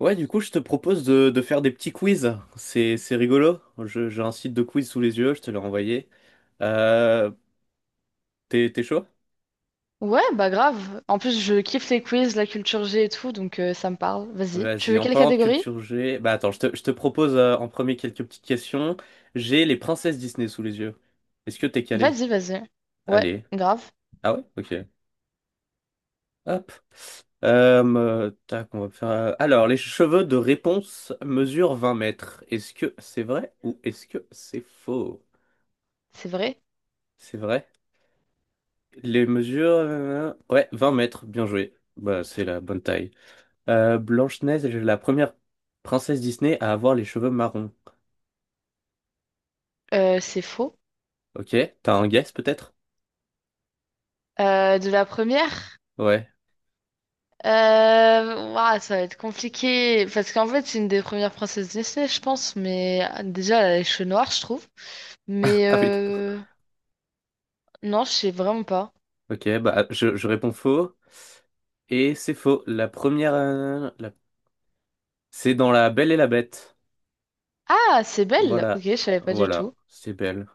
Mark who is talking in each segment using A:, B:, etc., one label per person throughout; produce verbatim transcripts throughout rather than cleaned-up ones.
A: Ouais, du coup, je te propose de, de faire des petits quiz. C'est, c'est rigolo. Je- j'ai un site de quiz sous les yeux, je te l'ai envoyé. Euh, t'es, t'es chaud?
B: Ouais, bah grave. En plus, je kiffe les quiz, la culture G et tout, donc euh, ça me parle. Vas-y. Tu
A: Vas-y,
B: veux
A: en
B: quelle
A: parlant de
B: catégorie?
A: culture G, bah attends, je te, je te propose euh, en premier quelques petites questions. J'ai les princesses Disney sous les yeux. Est-ce que t'es calé?
B: Vas-y, vas-y. Ouais,
A: Allez.
B: grave.
A: Ah ouais? Ok. Hop. Euh, tac, on va faire, euh, alors, les cheveux de réponse mesurent vingt mètres. Est-ce que c'est vrai ou est-ce que c'est faux?
B: C'est vrai.
A: C'est vrai? Les mesures, euh, ouais, vingt mètres, bien joué. Bah, c'est la bonne taille. Euh, Blanche-Neige est la première princesse Disney à avoir les cheveux marrons.
B: Euh, c'est faux.
A: Ok, t'as un guess peut-être?
B: Euh, de la première?
A: Ouais.
B: Euh... ouah, ça va être compliqué. Parce qu'en fait, c'est une des premières princesses Disney, je pense. Mais ah, déjà, elle a les cheveux noirs, je trouve. Mais
A: Ah oui, d'accord.
B: euh... non, je sais vraiment pas.
A: Ok, bah je, je réponds faux. Et c'est faux. La première, euh, la- c'est dans La Belle et la Bête.
B: Ah, c'est Belle. Ok,
A: Voilà,
B: je savais pas du
A: voilà,
B: tout.
A: c'est belle.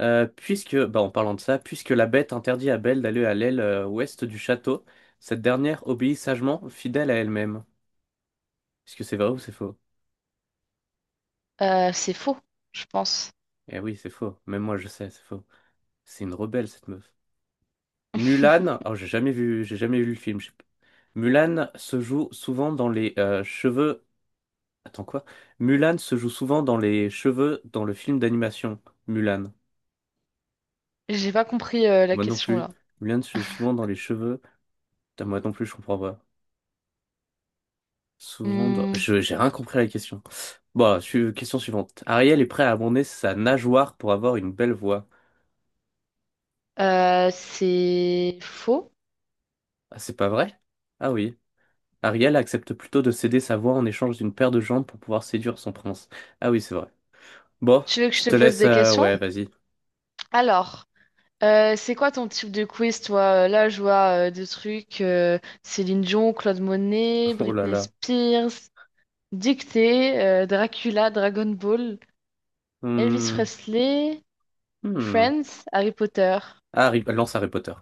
A: Euh, puisque, bah, en parlant de ça, puisque la Bête interdit à Belle d'aller à l'aile euh, ouest du château, cette dernière obéit sagement, fidèle à elle-même. Est-ce que c'est vrai ou c'est faux?
B: Euh, c'est faux, je pense.
A: Eh oui, c'est faux. Même moi, je sais, c'est faux. C'est une rebelle, cette meuf. Mulan, oh, j'ai jamais vu, j'ai jamais vu le film. Je Mulan se joue souvent dans les euh, cheveux. Attends quoi? Mulan se joue souvent dans les cheveux dans le film d'animation. Mulan.
B: J'ai pas compris euh, la
A: Moi non
B: question
A: plus.
B: là.
A: Mulan se joue souvent dans les cheveux. Putain, moi non plus, je comprends pas. Souvent dans...
B: Hmm,
A: Je, j'ai rien compris à la question. Bon, su- question suivante. Ariel est prêt à abandonner sa nageoire pour avoir une belle voix.
B: Euh, c'est faux.
A: Ah, c'est pas vrai? Ah oui. Ariel accepte plutôt de céder sa voix en échange d'une paire de jambes pour pouvoir séduire son prince. Ah oui, c'est vrai. Bon,
B: Tu veux que je
A: je
B: te
A: te
B: pose
A: laisse.
B: des
A: euh,
B: questions?
A: ouais, vas-y.
B: Alors, euh, c'est quoi ton type de quiz, toi? Euh, Là, je vois euh, des trucs euh, Céline Dion, Claude Monet,
A: Oh là
B: Britney
A: là.
B: Spears, Dictée, euh, Dracula, Dragon Ball, Elvis
A: Hmm,
B: Presley,
A: hmm.
B: Friends, Harry Potter.
A: Ah, Harry- lance Harry Potter.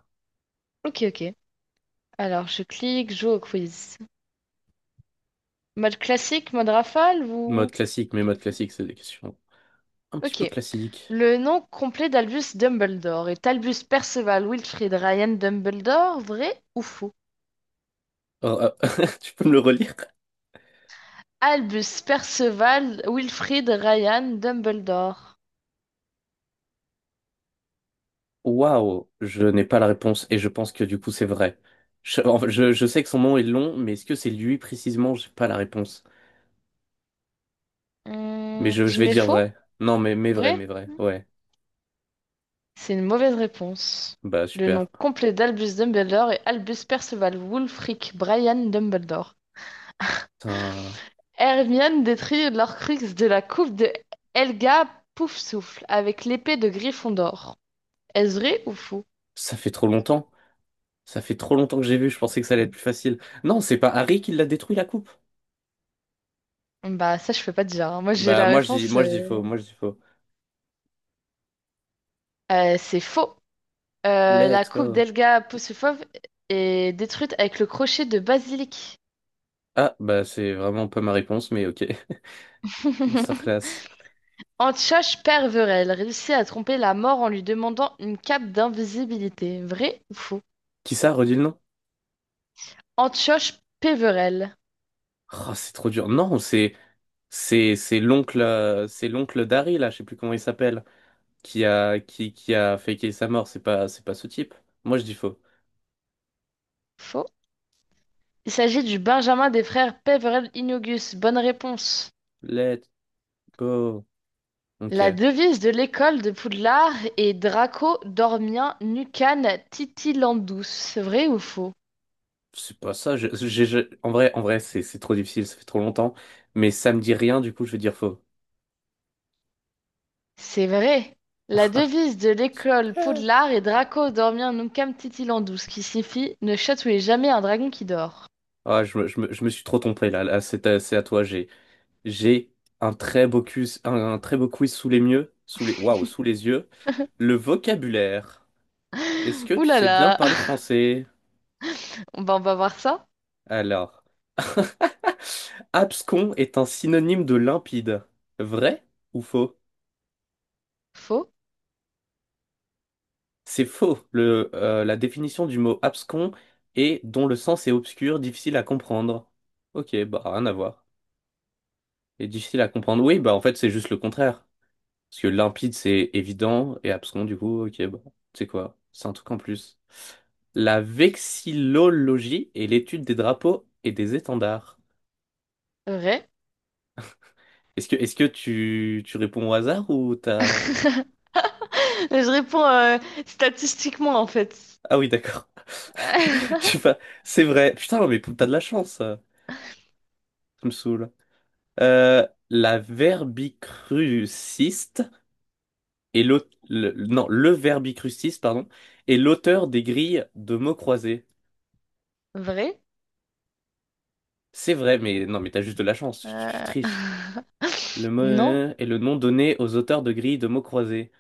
B: Ok, ok. Alors, je clique, joue au quiz. Mode classique, mode rafale
A: Mode
B: ou...
A: classique, mais mode classique, c'est des questions un petit peu
B: Ok.
A: classiques.
B: Le nom complet d'Albus Dumbledore est Albus Perceval Wilfrid Ryan Dumbledore, vrai ou faux?
A: Oh, ah, tu peux me le relire?
B: Albus Perceval Wilfrid Ryan Dumbledore.
A: Waouh, je n'ai pas la réponse et je pense que du coup c'est vrai. Je, en fait, je, je sais que son nom est long, mais est-ce que c'est lui précisément? J'ai pas la réponse. Mais
B: Hmm,
A: je, je
B: je
A: vais
B: mets
A: dire
B: faux,
A: vrai. Non, mais, mais vrai,
B: vrai?
A: mais vrai. Ouais.
B: C'est une mauvaise réponse.
A: Bah
B: Le
A: super.
B: nom complet d'Albus Dumbledore est Albus Perceval Wulfric Brian Dumbledore.
A: Putain,
B: Hermione détruit l'Orcrux de la coupe de Helga Poufsouffle avec l'épée de Gryffondor. Est-ce vrai ou faux?
A: ça fait trop longtemps. Ça fait trop longtemps que j'ai vu, je pensais que ça allait être plus facile. Non, c'est pas Harry qui l'a détruit la coupe.
B: Bah ça je peux pas te dire, hein. Moi j'ai
A: Bah
B: la
A: moi je dis
B: réponse.
A: moi
B: euh,
A: je dis faux, moi je dis faux.
B: Euh, c'est faux. Euh, la
A: Let's
B: coupe
A: go.
B: d'Elga Poussufov est détruite avec le crochet de basilic.
A: Ah bah c'est vraiment pas ma réponse mais OK. Masterclass.
B: Antioche Perverel réussit à tromper la mort en lui demandant une cape d'invisibilité. Vrai ou faux?
A: Qui ça, redis le nom?
B: Antioche Peverel.
A: Oh, c'est trop dur. Non, c'est c'est c'est l'oncle euh, c'est l'oncle d'Harry là, je sais plus comment il s'appelle, qui a qui qui a faké sa mort, c'est pas c'est pas ce type. Moi je dis faux.
B: Faux. Il s'agit du Benjamin des frères Peverel Innogus. Bonne réponse.
A: Let's go.
B: La
A: OK.
B: devise de l'école de Poudlard est Draco Dormien Nucan Titilandus. Vrai ou faux?
A: C'est pas ça, je- j'ai- j'ai- en vrai en vrai c'est c'est trop difficile, ça fait trop longtemps, mais ça me dit rien du coup, je vais dire faux.
B: C'est vrai. La devise de l'école
A: Super.
B: Poudlard est Draco dormir nunquam titilandus, ce qui signifie ne chatouillez jamais un dragon qui dort.
A: Ah, je me, je me- je me suis trop trompé là. Là, c'est à, c'est à toi. J'ai, j'ai un très beau quiz, un, un très beau quiz sous les mieux, sous les, waouh, sous les yeux. Le vocabulaire. Est-ce que
B: Ouh
A: tu
B: là
A: sais bien
B: là.
A: parler français?
B: Bah, on va voir ça.
A: Alors, abscon est un synonyme de limpide. Vrai ou faux?
B: Faux,
A: C'est faux. Le, euh, la définition du mot abscon est dont le sens est obscur, difficile à comprendre. Ok, bah rien à voir. Et difficile à comprendre. Oui, bah en fait c'est juste le contraire. Parce que limpide, c'est évident, et abscon, du coup, ok, bon, tu sais quoi, c'est un truc en plus. La vexillologie est l'étude des drapeaux et des étendards.
B: vrai.
A: Est-ce que, est-ce que tu, tu réponds au hasard ou t'as...
B: Je réponds euh, statistiquement en fait.
A: Ah oui, d'accord. Je sais pas, c'est vrai. Putain, mais t'as de la chance, ça me saoule. Euh, la verbicruciste et l'auteur, non, le verbicruciste, pardon, est l'auteur des grilles de mots croisés.
B: Vrai?
A: C'est vrai, mais non, mais t'as juste de la chance, tu, tu triches.
B: Euh,
A: Le mot
B: Non.
A: euh, est le nom donné aux auteurs de grilles de mots croisés.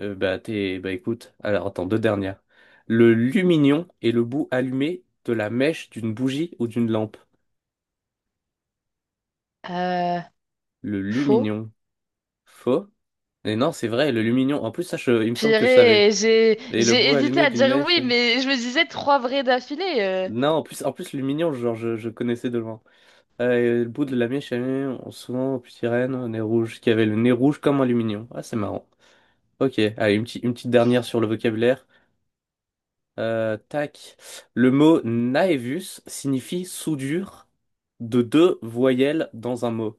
A: Euh, bah, t'es, bah, écoute, alors attends, deux dernières. Le lumignon est le bout allumé de la mèche d'une bougie ou d'une lampe.
B: Euh,
A: Le
B: Faux.
A: lumignon. Faux? Mais non, c'est vrai, le lumignon. En plus, ça, je- il me semble que je savais.
B: Purée, j'ai
A: Et le
B: j'ai
A: bout
B: hésité
A: allumé
B: à
A: d'une
B: dire
A: mèche.
B: oui,
A: euh,
B: mais je me disais trois vrais d'affilée. euh,
A: Non, en plus, en plus, lumignon, genre, je, je connaissais de loin. Euh, et le bout de la mèche allumée, on- souvent, aux petites reines, au nez rouge, qui avait le nez rouge comme un lumignon. Ah, c'est marrant. Ok, allez, une petite, une petite dernière sur le vocabulaire. Euh, tac. Le mot naevus signifie soudure de deux voyelles dans un mot.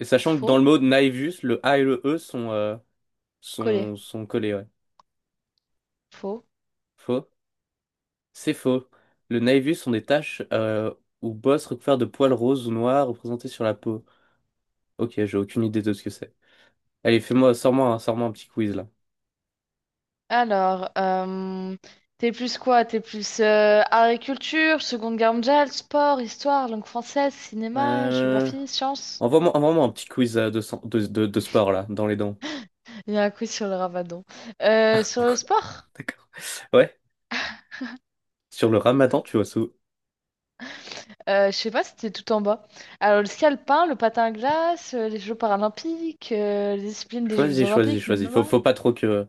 A: Et sachant que dans le
B: Faux.
A: mot naevus, le A et le E sont, euh,
B: Collé.
A: sont, sont collés, ouais.
B: Faux.
A: Faux? C'est faux. Le naevus sont des taches euh, ou bosses recouvertes de poils roses ou noirs représentées sur la peau. Ok, j'ai aucune idée de ce que c'est. Allez, fais-moi, sors-moi, un- sors-moi un petit quiz là.
B: Alors, euh, t'es plus quoi? T'es plus euh, art et culture, Seconde Guerre mondiale, sport, histoire, langue française, cinéma,
A: Euh...
B: géographie, sciences.
A: Envoie-moi, envoie-moi un petit quiz euh, de, sang- de, de, de sport là, dans les dents.
B: Il y a un quiz sur le ramadan. Euh, sur le sport,
A: D'accord. Ouais, sur le ramadan, tu vois, ça.
B: euh, je sais pas, c'était tout en bas. Alors, le ski alpin, le patin à glace, euh, les Jeux paralympiques, euh, les disciplines des Jeux
A: Choisis, choisis,
B: olympiques, le
A: choisis. Faut,
B: M M A.
A: faut pas trop que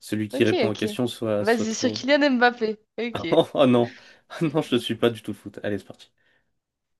A: celui qui
B: Ok,
A: répond aux
B: ok.
A: questions soit, soit
B: Vas-y, sur
A: trop.
B: Kylian Mbappé. Ok.
A: Oh oh non, non, je suis pas du tout foot. Allez, c'est parti.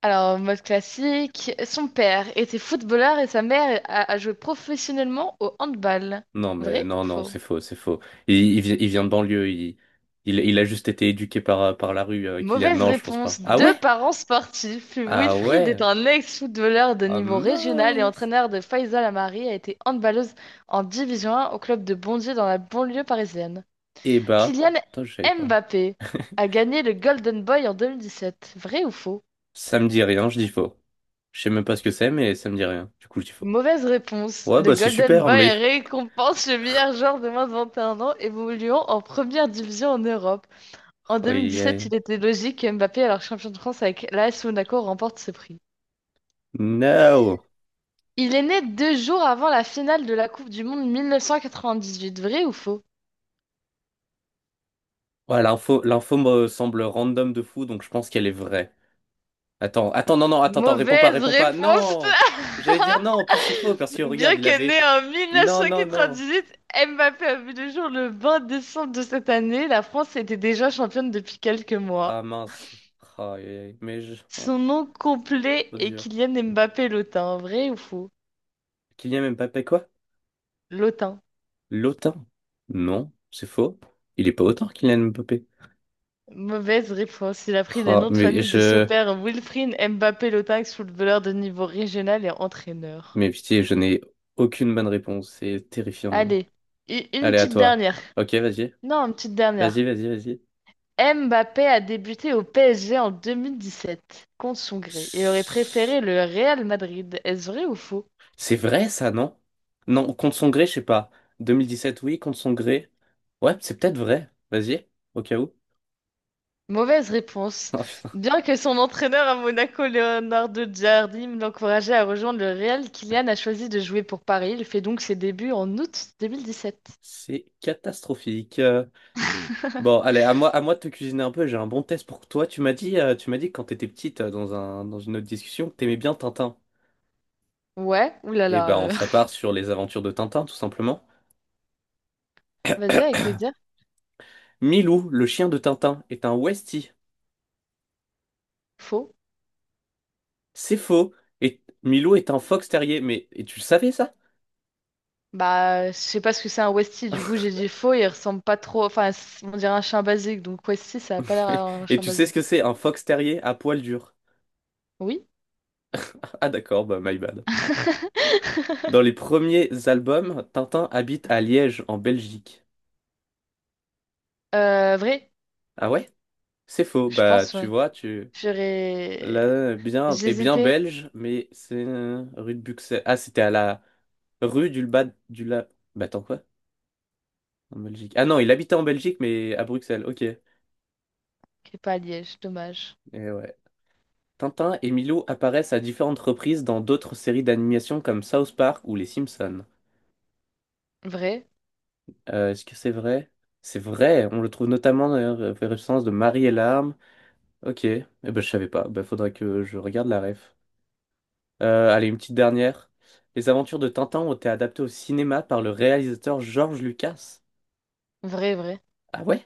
B: Alors, en mode classique, son père était footballeur et sa mère a, a joué professionnellement au handball.
A: Non, mais
B: Vrai ou
A: non, non,
B: faux?
A: c'est faux, c'est faux. Il, il, vi- il vient de banlieue. Il, il, il a juste été éduqué par, par la rue, euh, Kylian.
B: Mauvaise
A: Non, je pense pas.
B: réponse.
A: Ah
B: Deux
A: ouais?
B: parents sportifs.
A: Ah
B: Wilfried est
A: ouais?
B: un ex-footballeur de
A: Ah
B: niveau régional et
A: mince.
B: entraîneur de Faisal Amari a été handballeuse en Division un au club de Bondy dans la banlieue parisienne.
A: Eh bah,
B: Kylian
A: putain, je savais pas.
B: Mbappé a gagné le Golden Boy en deux mille dix-sept. Vrai ou faux?
A: Ça me dit rien, je dis faux. Je sais même pas ce que c'est, mais ça me dit rien. Du coup, je dis faux.
B: Mauvaise réponse.
A: Ouais,
B: Le
A: bah c'est
B: Golden
A: super,
B: Boy
A: mais.
B: récompense le meilleur joueur de moins de vingt et un ans évoluant en première division en Europe. En
A: Aïe,
B: deux mille dix-sept,
A: aïe.
B: il était logique que Mbappé, alors champion de France avec l'A S Monaco, remporte ce prix.
A: No!
B: Il est né deux jours avant la finale de la Coupe du Monde mille neuf cent quatre-vingt-dix-huit. Vrai ou faux?
A: Ouais, l'info, l'info me semble random de fou, donc je pense qu'elle est vraie. Attends, attends, non, non, attends, attends, réponds pas,
B: Mauvaise
A: réponds pas.
B: réponse!
A: Non! J'allais dire non, en plus c'est faux, parce que regarde,
B: Bien
A: il
B: que
A: avait.
B: né en
A: Non, non, non.
B: mille neuf cent quatre-vingt-dix-huit, Mbappé a vu le jour le vingt décembre de cette année, la France était déjà championne depuis quelques mois.
A: Ah mince. Ah, aïe, aïe, aïe. mais je... oh,
B: Son nom complet
A: trop
B: est
A: dur.
B: Kylian Mbappé Lotin. Vrai ou faux?
A: Kylian Mbappé, quoi?
B: Lotin.
A: L'OTAN? Non, c'est faux. Il est pas autant, Kylian Mbappé.
B: Mauvaise réponse. Il a pris le
A: Ah,
B: nom de
A: mais
B: famille de son
A: je...
B: père Wilfried Mbappé Lotin, ex-footballeur de niveau régional et entraîneur.
A: mais pitié, je n'ai aucune bonne réponse, c'est terrifiant.
B: Allez, u- une
A: Allez, à
B: petite
A: toi.
B: dernière.
A: Ok, vas-y.
B: Non, une petite dernière.
A: Vas-y, vas-y, vas-y.
B: Mbappé a débuté au P S G en deux mille dix-sept, contre son gré. Il aurait préféré le Real Madrid. Est-ce vrai ou faux?
A: C'est vrai, ça, non? Non, contre son gré, je sais pas. deux mille dix-sept, oui, contre son gré. Ouais, c'est peut-être vrai. Vas-y, au cas où.
B: Mauvaise réponse.
A: Oh putain,
B: Bien que son entraîneur à Monaco, Leonardo Giardini, l'encourageait à rejoindre le Real, Kylian a choisi de jouer pour Paris. Il fait donc ses débuts en août deux mille dix-sept.
A: c'est catastrophique. Euh, Bon, allez, à moi, à moi de te cuisiner un peu. J'ai un bon test pour toi. Tu m'as dit, euh, tu m'as dit que quand t'étais petite, euh, dans un, dans une autre discussion, que t'aimais bien Tintin.
B: Ouais,
A: Eh
B: oulala.
A: ben, on
B: euh.
A: s'appart sur les aventures de Tintin, tout simplement.
B: Vas-y, avec plaisir.
A: Milou, le chien de Tintin, est un Westie.
B: Faux.
A: C'est faux. Et Milou est un fox terrier. Mais et tu le savais, ça?
B: Bah, je sais pas ce que c'est un Westie, du coup j'ai dit faux, il ressemble pas trop. Enfin, c- on dirait un chien basique, donc Westie ça a pas l'air d'un
A: Et
B: chien
A: tu sais ce
B: basique.
A: que c'est un fox terrier à poil dur?
B: Oui.
A: Ah d'accord, bah my bad. Dans les premiers albums, Tintin habite à Liège, en Belgique.
B: Euh, vrai,
A: Ah ouais? C'est faux.
B: je
A: Bah
B: pense,
A: tu
B: ouais.
A: vois, tu
B: J'aurais.
A: là bien et bien
B: J'hésitais.
A: belge, mais c'est euh, rue de Buxelles. Ah c'était à la rue du bas du la. Bah attends quoi? En Belgique. Ah non, il habitait en Belgique, mais à Bruxelles. Ok. Et
B: Qui est pas à Liège, dommage.
A: ouais. Tintin et Milou apparaissent à différentes reprises dans d'autres séries d'animation comme South Park ou Les Simpsons.
B: Vrai,
A: Euh, est-ce que c'est vrai? C'est vrai, on le trouve notamment dans la référence de Marie et l'arme. Ok, eh ben, je savais pas, ben, faudrait que je regarde la ref. Euh, allez, une petite dernière. Les aventures de Tintin ont été adaptées au cinéma par le réalisateur George Lucas.
B: vrai, vrai.
A: Ah ouais?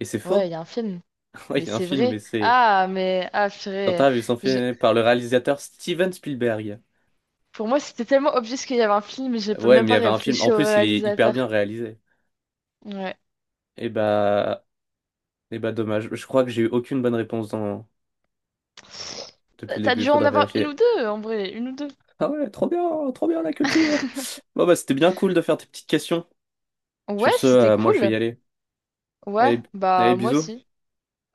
A: Et c'est
B: Ouais,
A: faux?
B: il y a un film,
A: Oui,
B: mais
A: il y a un
B: c'est
A: film, mais
B: vrai.
A: c'est...
B: Ah, mais ah,
A: Tintin
B: purée.
A: a vu son
B: Je-
A: film par le réalisateur Steven Spielberg.
B: Pour moi, c'était tellement obvious qu'il y avait un film, mais j'ai
A: Euh,
B: pas-
A: Ouais,
B: même
A: mais il y
B: pas
A: avait un film.
B: réfléchi
A: En
B: au
A: plus, il est hyper
B: réalisateur.
A: bien réalisé.
B: Ouais.
A: Et bah... et bah, dommage. Je crois que j'ai eu aucune bonne réponse dans...
B: T'as
A: depuis le
B: t'as
A: début,
B: dû en
A: faudra
B: avoir une ou
A: vérifier.
B: deux, en vrai, une ou deux.
A: Ah ouais, trop bien, trop bien la culture. Bon bah c'était bien cool de faire tes petites questions. Sur
B: Ouais,
A: ce,
B: c'était
A: euh, moi je vais
B: cool.
A: y aller.
B: Ouais,
A: Allez, allez,
B: bah moi
A: bisous.
B: aussi.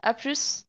B: À plus.